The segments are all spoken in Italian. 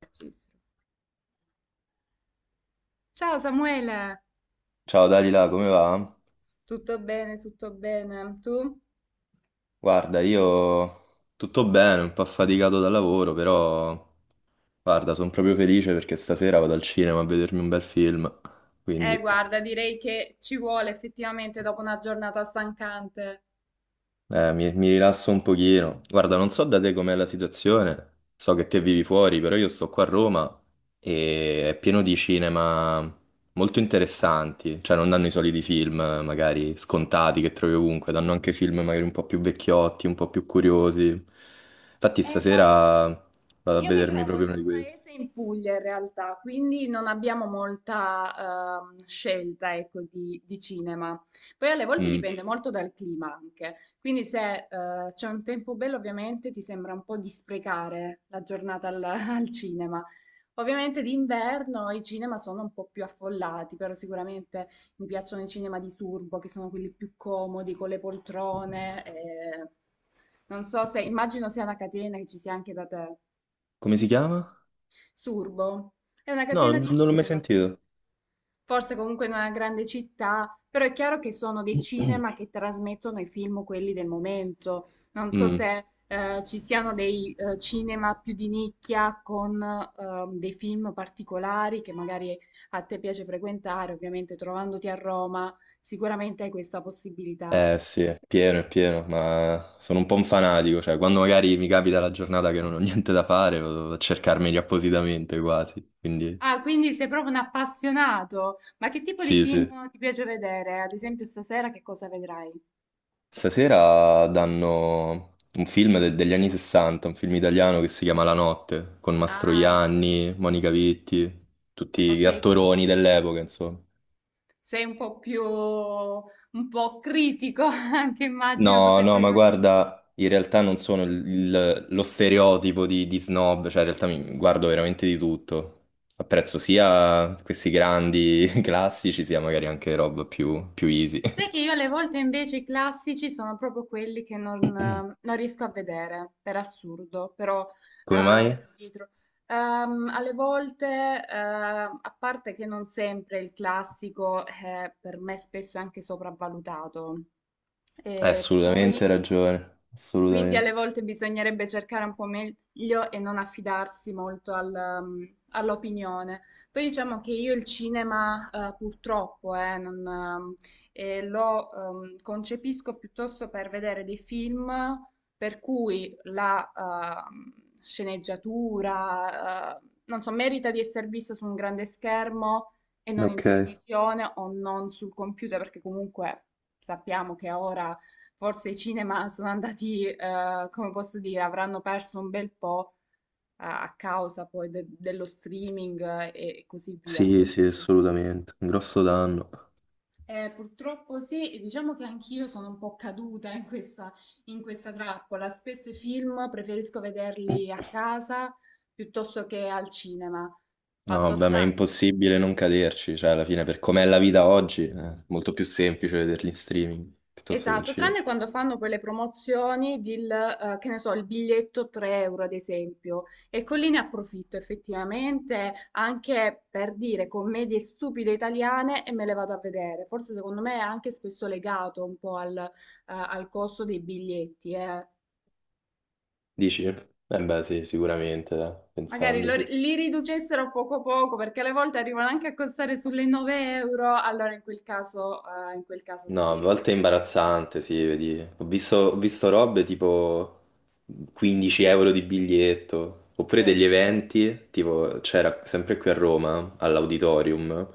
Registro. Ciao Samuele, Ciao Dalila, come va? tutto bene, tutto bene. Tu? Guarda, io tutto bene, un po' affaticato dal lavoro, però guarda, sono proprio felice perché stasera vado al cinema a vedermi un bel film, quindi Guarda, direi che ci vuole effettivamente dopo una giornata stancante. mi rilasso un pochino. Guarda, non so da te com'è la situazione, so che te vivi fuori, però io sto qua a Roma e è pieno di cinema molto interessanti, cioè non danno i soliti film magari scontati che trovi ovunque, danno anche film magari un po' più vecchiotti, un po' più curiosi. Infatti Guarda. stasera vado a Io mi vedermi trovo proprio in uno di un questi. paese in Puglia in realtà, quindi non abbiamo molta scelta, ecco, di cinema. Poi alle volte Mm. dipende molto dal clima anche, quindi se c'è un tempo bello ovviamente ti sembra un po' di sprecare la giornata al, al cinema. Ovviamente d'inverno i cinema sono un po' più affollati, però sicuramente mi piacciono i cinema di Surbo, che sono quelli più comodi, con le poltrone. Non so se, immagino sia una catena che ci sia anche da te. Come si chiama? Surbo. È una No, catena di non l'ho mai cinema, sentito. forse comunque in una grande città, però è chiaro che sono dei cinema che trasmettono i film quelli del momento. Non so Mm. se ci siano dei cinema più di nicchia con dei film particolari che magari a te piace frequentare, ovviamente trovandoti a Roma, sicuramente hai questa possibilità. Eh sì, è pieno, ma sono un po' un fanatico, cioè quando magari mi capita la giornata che non ho niente da fare, vado a cercarmeli appositamente quasi, quindi Ah, quindi sei proprio un appassionato. Ma che tipo di sì, sì. film ti piace vedere? Ad esempio, stasera che cosa vedrai? Stasera danno un film de- degli anni 60, un film italiano che si chiama La Notte, con Ah, Mastroianni, Monica Vitti, tutti gli ok. attoroni dell'epoca, insomma. Sei un po' più, un po' critico anche immagino su No, queste no, ma dimensioni. guarda, in realtà non sono lo stereotipo di snob, cioè in realtà mi guardo veramente di tutto. Apprezzo sia questi grandi classici, sia magari anche roba più, più easy. Sai che io alle volte invece i classici sono proprio quelli che non riesco a vedere, per assurdo, però Come eh, mai? dietro. Alle volte, a parte che non sempre il classico è per me spesso anche sopravvalutato, Hai e poi assolutamente ragione, quindi alle assolutamente. volte bisognerebbe cercare un po' meglio e non affidarsi molto all'opinione. Poi diciamo che io il cinema, purtroppo, non, lo concepisco piuttosto per vedere dei film per cui la sceneggiatura, non so, merita di essere visto su un grande schermo e non in Ok, televisione o non sul computer, perché comunque sappiamo che ora forse i cinema sono andati, come posso dire, avranno perso un bel po' a causa poi dello streaming e così via. sì, sì, Quindi assolutamente, un grosso danno. Purtroppo sì, e diciamo che anch'io sono un po' caduta in questa trappola. Spesso i film preferisco vederli a casa piuttosto che al cinema. No, Fatto. Ah, vabbè, ma è sta. impossibile non caderci, cioè alla fine per com'è la vita oggi è molto più semplice vederli in streaming piuttosto che al Esatto, cinema. tranne quando fanno quelle promozioni del, che ne so, il biglietto 3 euro ad esempio. Ecco lì ne approfitto effettivamente anche per dire commedie stupide italiane e me le vado a vedere. Forse secondo me è anche spesso legato un po' al costo dei biglietti, eh. Dici? Eh beh, sì, sicuramente, dai, Magari pensandoci. li riducessero a poco poco perché alle volte arrivano anche a costare sulle 9 euro, allora in quel caso No, a sì. volte è imbarazzante, sì, vedi. Ho visto robe tipo 15 euro di biglietto, oppure degli Ecco. eventi, tipo c'era sempre qui a Roma, all'Auditorium,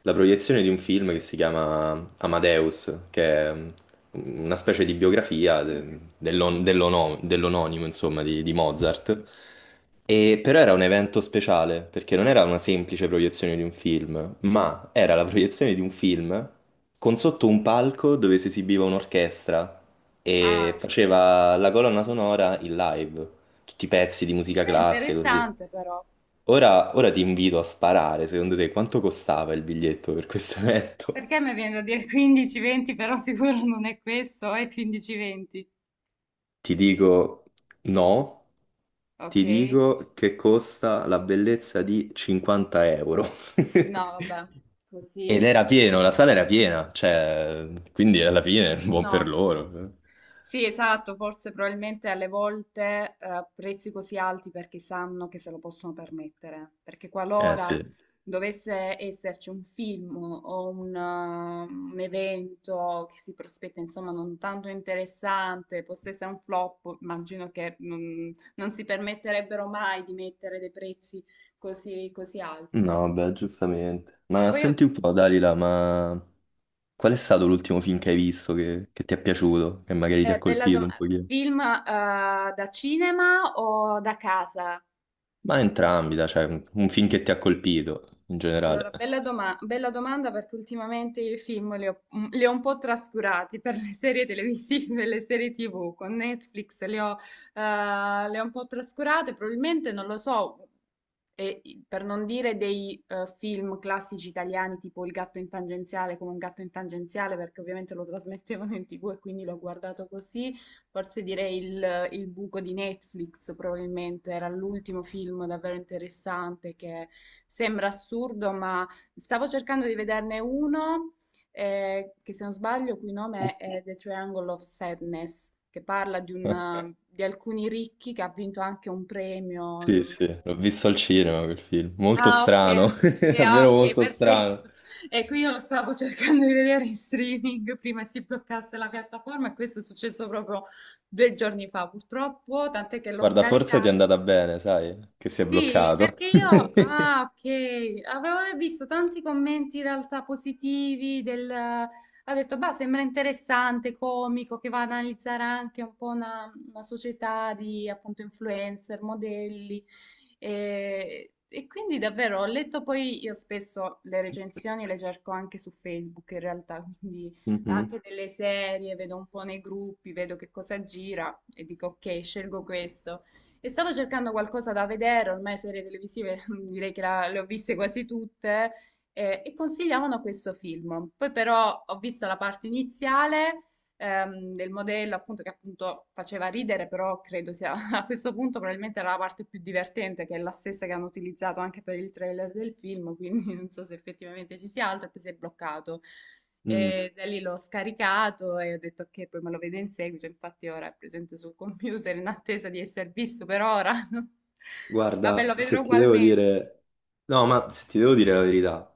la proiezione di un film che si chiama Amadeus, che è una specie di biografia de- Mhm. Dell'ononimo, insomma, di Mozart. E però era un evento speciale, perché non era una semplice proiezione di un film, ma era la proiezione di un film con sotto un palco dove si esibiva un'orchestra Ah, e ok. faceva la colonna sonora in live, tutti i pezzi di musica È classica così. interessante però. Ora ti invito a sparare, secondo te quanto costava il biglietto per questo evento? Perché mi viene da dire 15-20, però sicuro non è questo, è 15-20. Ti dico no, Ok? ti dico che costa la bellezza di 50 euro. No, vabbè, Ed così. era pieno, la sala era piena, cioè, quindi alla fine buon per No, loro. sì, esatto, forse probabilmente alle volte prezzi così alti perché sanno che se lo possono permettere, perché Eh qualora sì. dovesse esserci un film o un evento che si prospetta, insomma, non tanto interessante, possa essere un flop, immagino che non si permetterebbero mai di mettere dei prezzi così, così alti. No, beh, giustamente. Ma Poi, senti un po', Dalila, ma qual è stato l'ultimo film che hai visto che ti è piaciuto, che magari ti ha bella colpito un domanda, pochino? film da cinema o da casa? Ma entrambi, dai, cioè un film che ti ha colpito in Allora, generale. Bella domanda perché ultimamente io i film li ho un po' trascurati per le serie televisive, le serie TV con Netflix, li ho, le ho un po' trascurate, probabilmente non lo so, e, per non dire dei film classici italiani tipo Il gatto in tangenziale come un gatto in tangenziale perché ovviamente lo trasmettevano in TV e quindi l'ho guardato così forse direi il buco di Netflix, probabilmente era l'ultimo film davvero interessante che sembra assurdo, ma stavo cercando di vederne uno che se non sbaglio, cui nome è The Triangle of Sadness, che parla di, un, Eh, di alcuni ricchi che ha vinto anche un premio, non Sì, so. sì, l'ho visto al cinema quel film. Molto Ah, strano, ok. Ah, davvero ok, molto strano. perfetto. E qui io lo stavo cercando di vedere in streaming prima si bloccasse la piattaforma e questo è successo proprio 2 giorni fa, purtroppo, tant'è che l'ho Ma Guarda, forse ti è scaricato andata bene, sai, che si è sì, bloccato. perché io, ah, ok, avevo visto tanti commenti in realtà positivi del, ha detto, bah, sembra interessante, comico, che va ad analizzare anche un po' una società di appunto influencer, modelli. E quindi davvero ho letto poi, io spesso le recensioni le cerco anche su Facebook in realtà, quindi Mhm. anche delle serie, vedo un po' nei gruppi, vedo che cosa gira e dico, ok, scelgo questo. E stavo cercando qualcosa da vedere, ormai serie televisive direi che le ho viste quasi tutte, e consigliavano questo film. Poi però ho visto la parte iniziale del modello, appunto, che appunto faceva ridere, però credo sia a questo punto probabilmente era la parte più divertente, che è la stessa che hanno utilizzato anche per il trailer del film, quindi non so se effettivamente ci sia altro, e poi si è bloccato. Mm. E da lì l'ho scaricato e ho detto che poi me lo vedo in seguito, infatti ora è presente sul computer in attesa di essere visto per ora. Vabbè, Guarda, lo vedrò se ti devo ugualmente. dire... No, ma se ti devo dire la verità,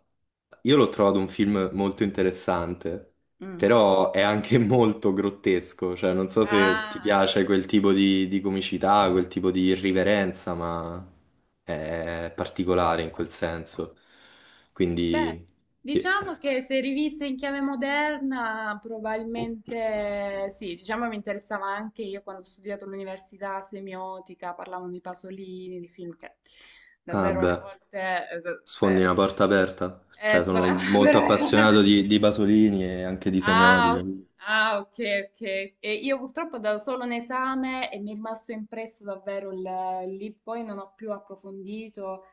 io l'ho trovato un film molto interessante, Mm. però è anche molto grottesco, cioè non so se ti Ah, sì. piace quel tipo di comicità, quel tipo di irriverenza, ma è particolare in quel senso. Beh, Quindi, sì. diciamo che se rivista in chiave moderna, probabilmente sì, diciamo mi interessava anche io quando ho studiato all'università semiotica, parlavano di Pasolini, di film che Ah davvero alle beh, volte sfondi beh, una sfor- porta aperta. Cioè, sono sforava, però molto erano. appassionato di Pasolini e anche di Ah, Semiotica. Ah, ok, ok. E io purtroppo ho dato solo un esame e mi è rimasto impresso davvero il. Lì, poi non ho più approfondito.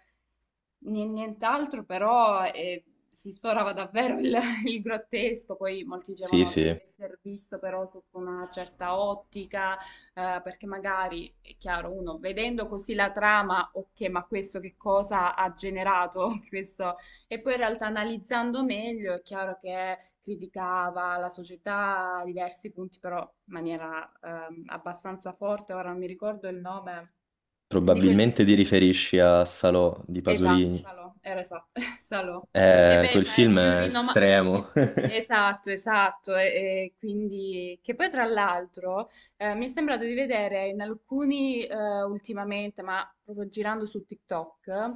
Nient'altro, però si sforava davvero il, il grottesco, poi molti Sì, dicevano deve sì. essere visto però sotto una certa ottica, perché magari, è chiaro, uno vedendo così la trama, ok, ma questo che cosa ha generato questo? E poi in realtà analizzando meglio è chiaro che criticava la società a diversi punti, però in maniera abbastanza forte, ora non mi ricordo il nome di quello. Probabilmente ti riferisci a Salò di Esatto, Pasolini. Salò, era esatto, Salò. E beh, Quel ma è film più è rinomato. estremo. Esatto, esatto. E quindi, che poi tra l'altro mi è sembrato di vedere in alcuni ultimamente, ma proprio girando su TikTok,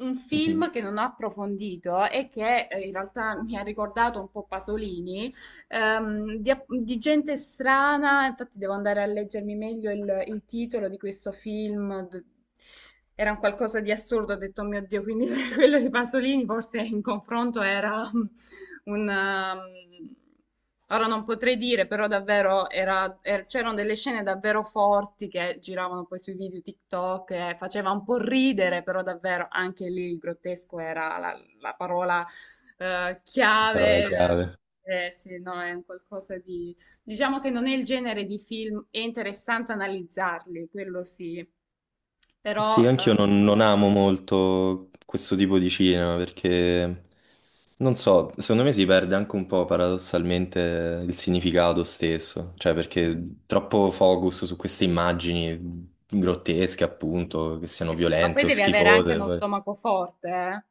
un film Mhm. che non ho approfondito e che in realtà mi ha ricordato un po' Pasolini ehm, di, di gente strana, infatti devo andare a leggermi meglio il titolo di questo film. Era un qualcosa di assurdo, ho detto, "Oh mio Dio, quindi quello di Pasolini forse in confronto era un... ehm, Ora non potrei dire, però davvero c'erano delle scene davvero forti che giravano poi sui video TikTok, e faceva un po' ridere, però davvero anche lì il grottesco era la parola Parola chiave. Chiave. Sì, no, è un qualcosa di. Diciamo che non è il genere di film, è interessante analizzarli, quello sì. Però, Sì, anch'io non amo molto questo tipo di cinema perché, non so, secondo me si perde anche un po' paradossalmente il significato stesso, cioè perché troppo focus su queste immagini grottesche, appunto, che siano ma poi violente o devi avere anche schifose. uno Poi- stomaco forte, eh.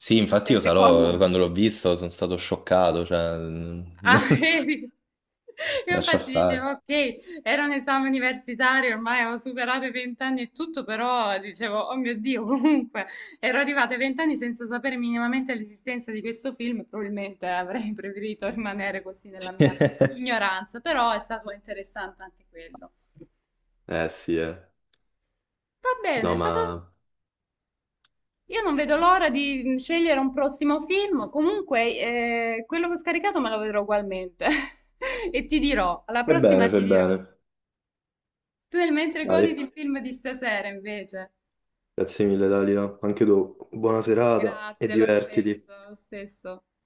Sì, infatti Cioè, io Salò, secondo. quando l'ho visto, sono stato scioccato, cioè... Ah, vedi? Io lascia infatti dicevo, stare. ok, era un esame universitario, ormai avevo superato i vent'anni e tutto, però dicevo, oh mio Dio, comunque ero arrivata ai vent'anni senza sapere minimamente l'esistenza di questo film, e probabilmente avrei preferito rimanere così nella mia ignoranza, però è stato interessante anche quello. Eh sì, eh. Va bene, No, è stato. ma... Io non vedo l'ora di scegliere un prossimo film, comunque quello che ho scaricato me lo vedrò ugualmente e ti dirò, alla Fai prossima bene, fai ti dirò. bene. Tu nel mentre goditi Dai, il film di stasera, invece. grazie mille, Dalila. Anche tu, buona serata e Grazie, lo divertiti. stesso, lo stesso.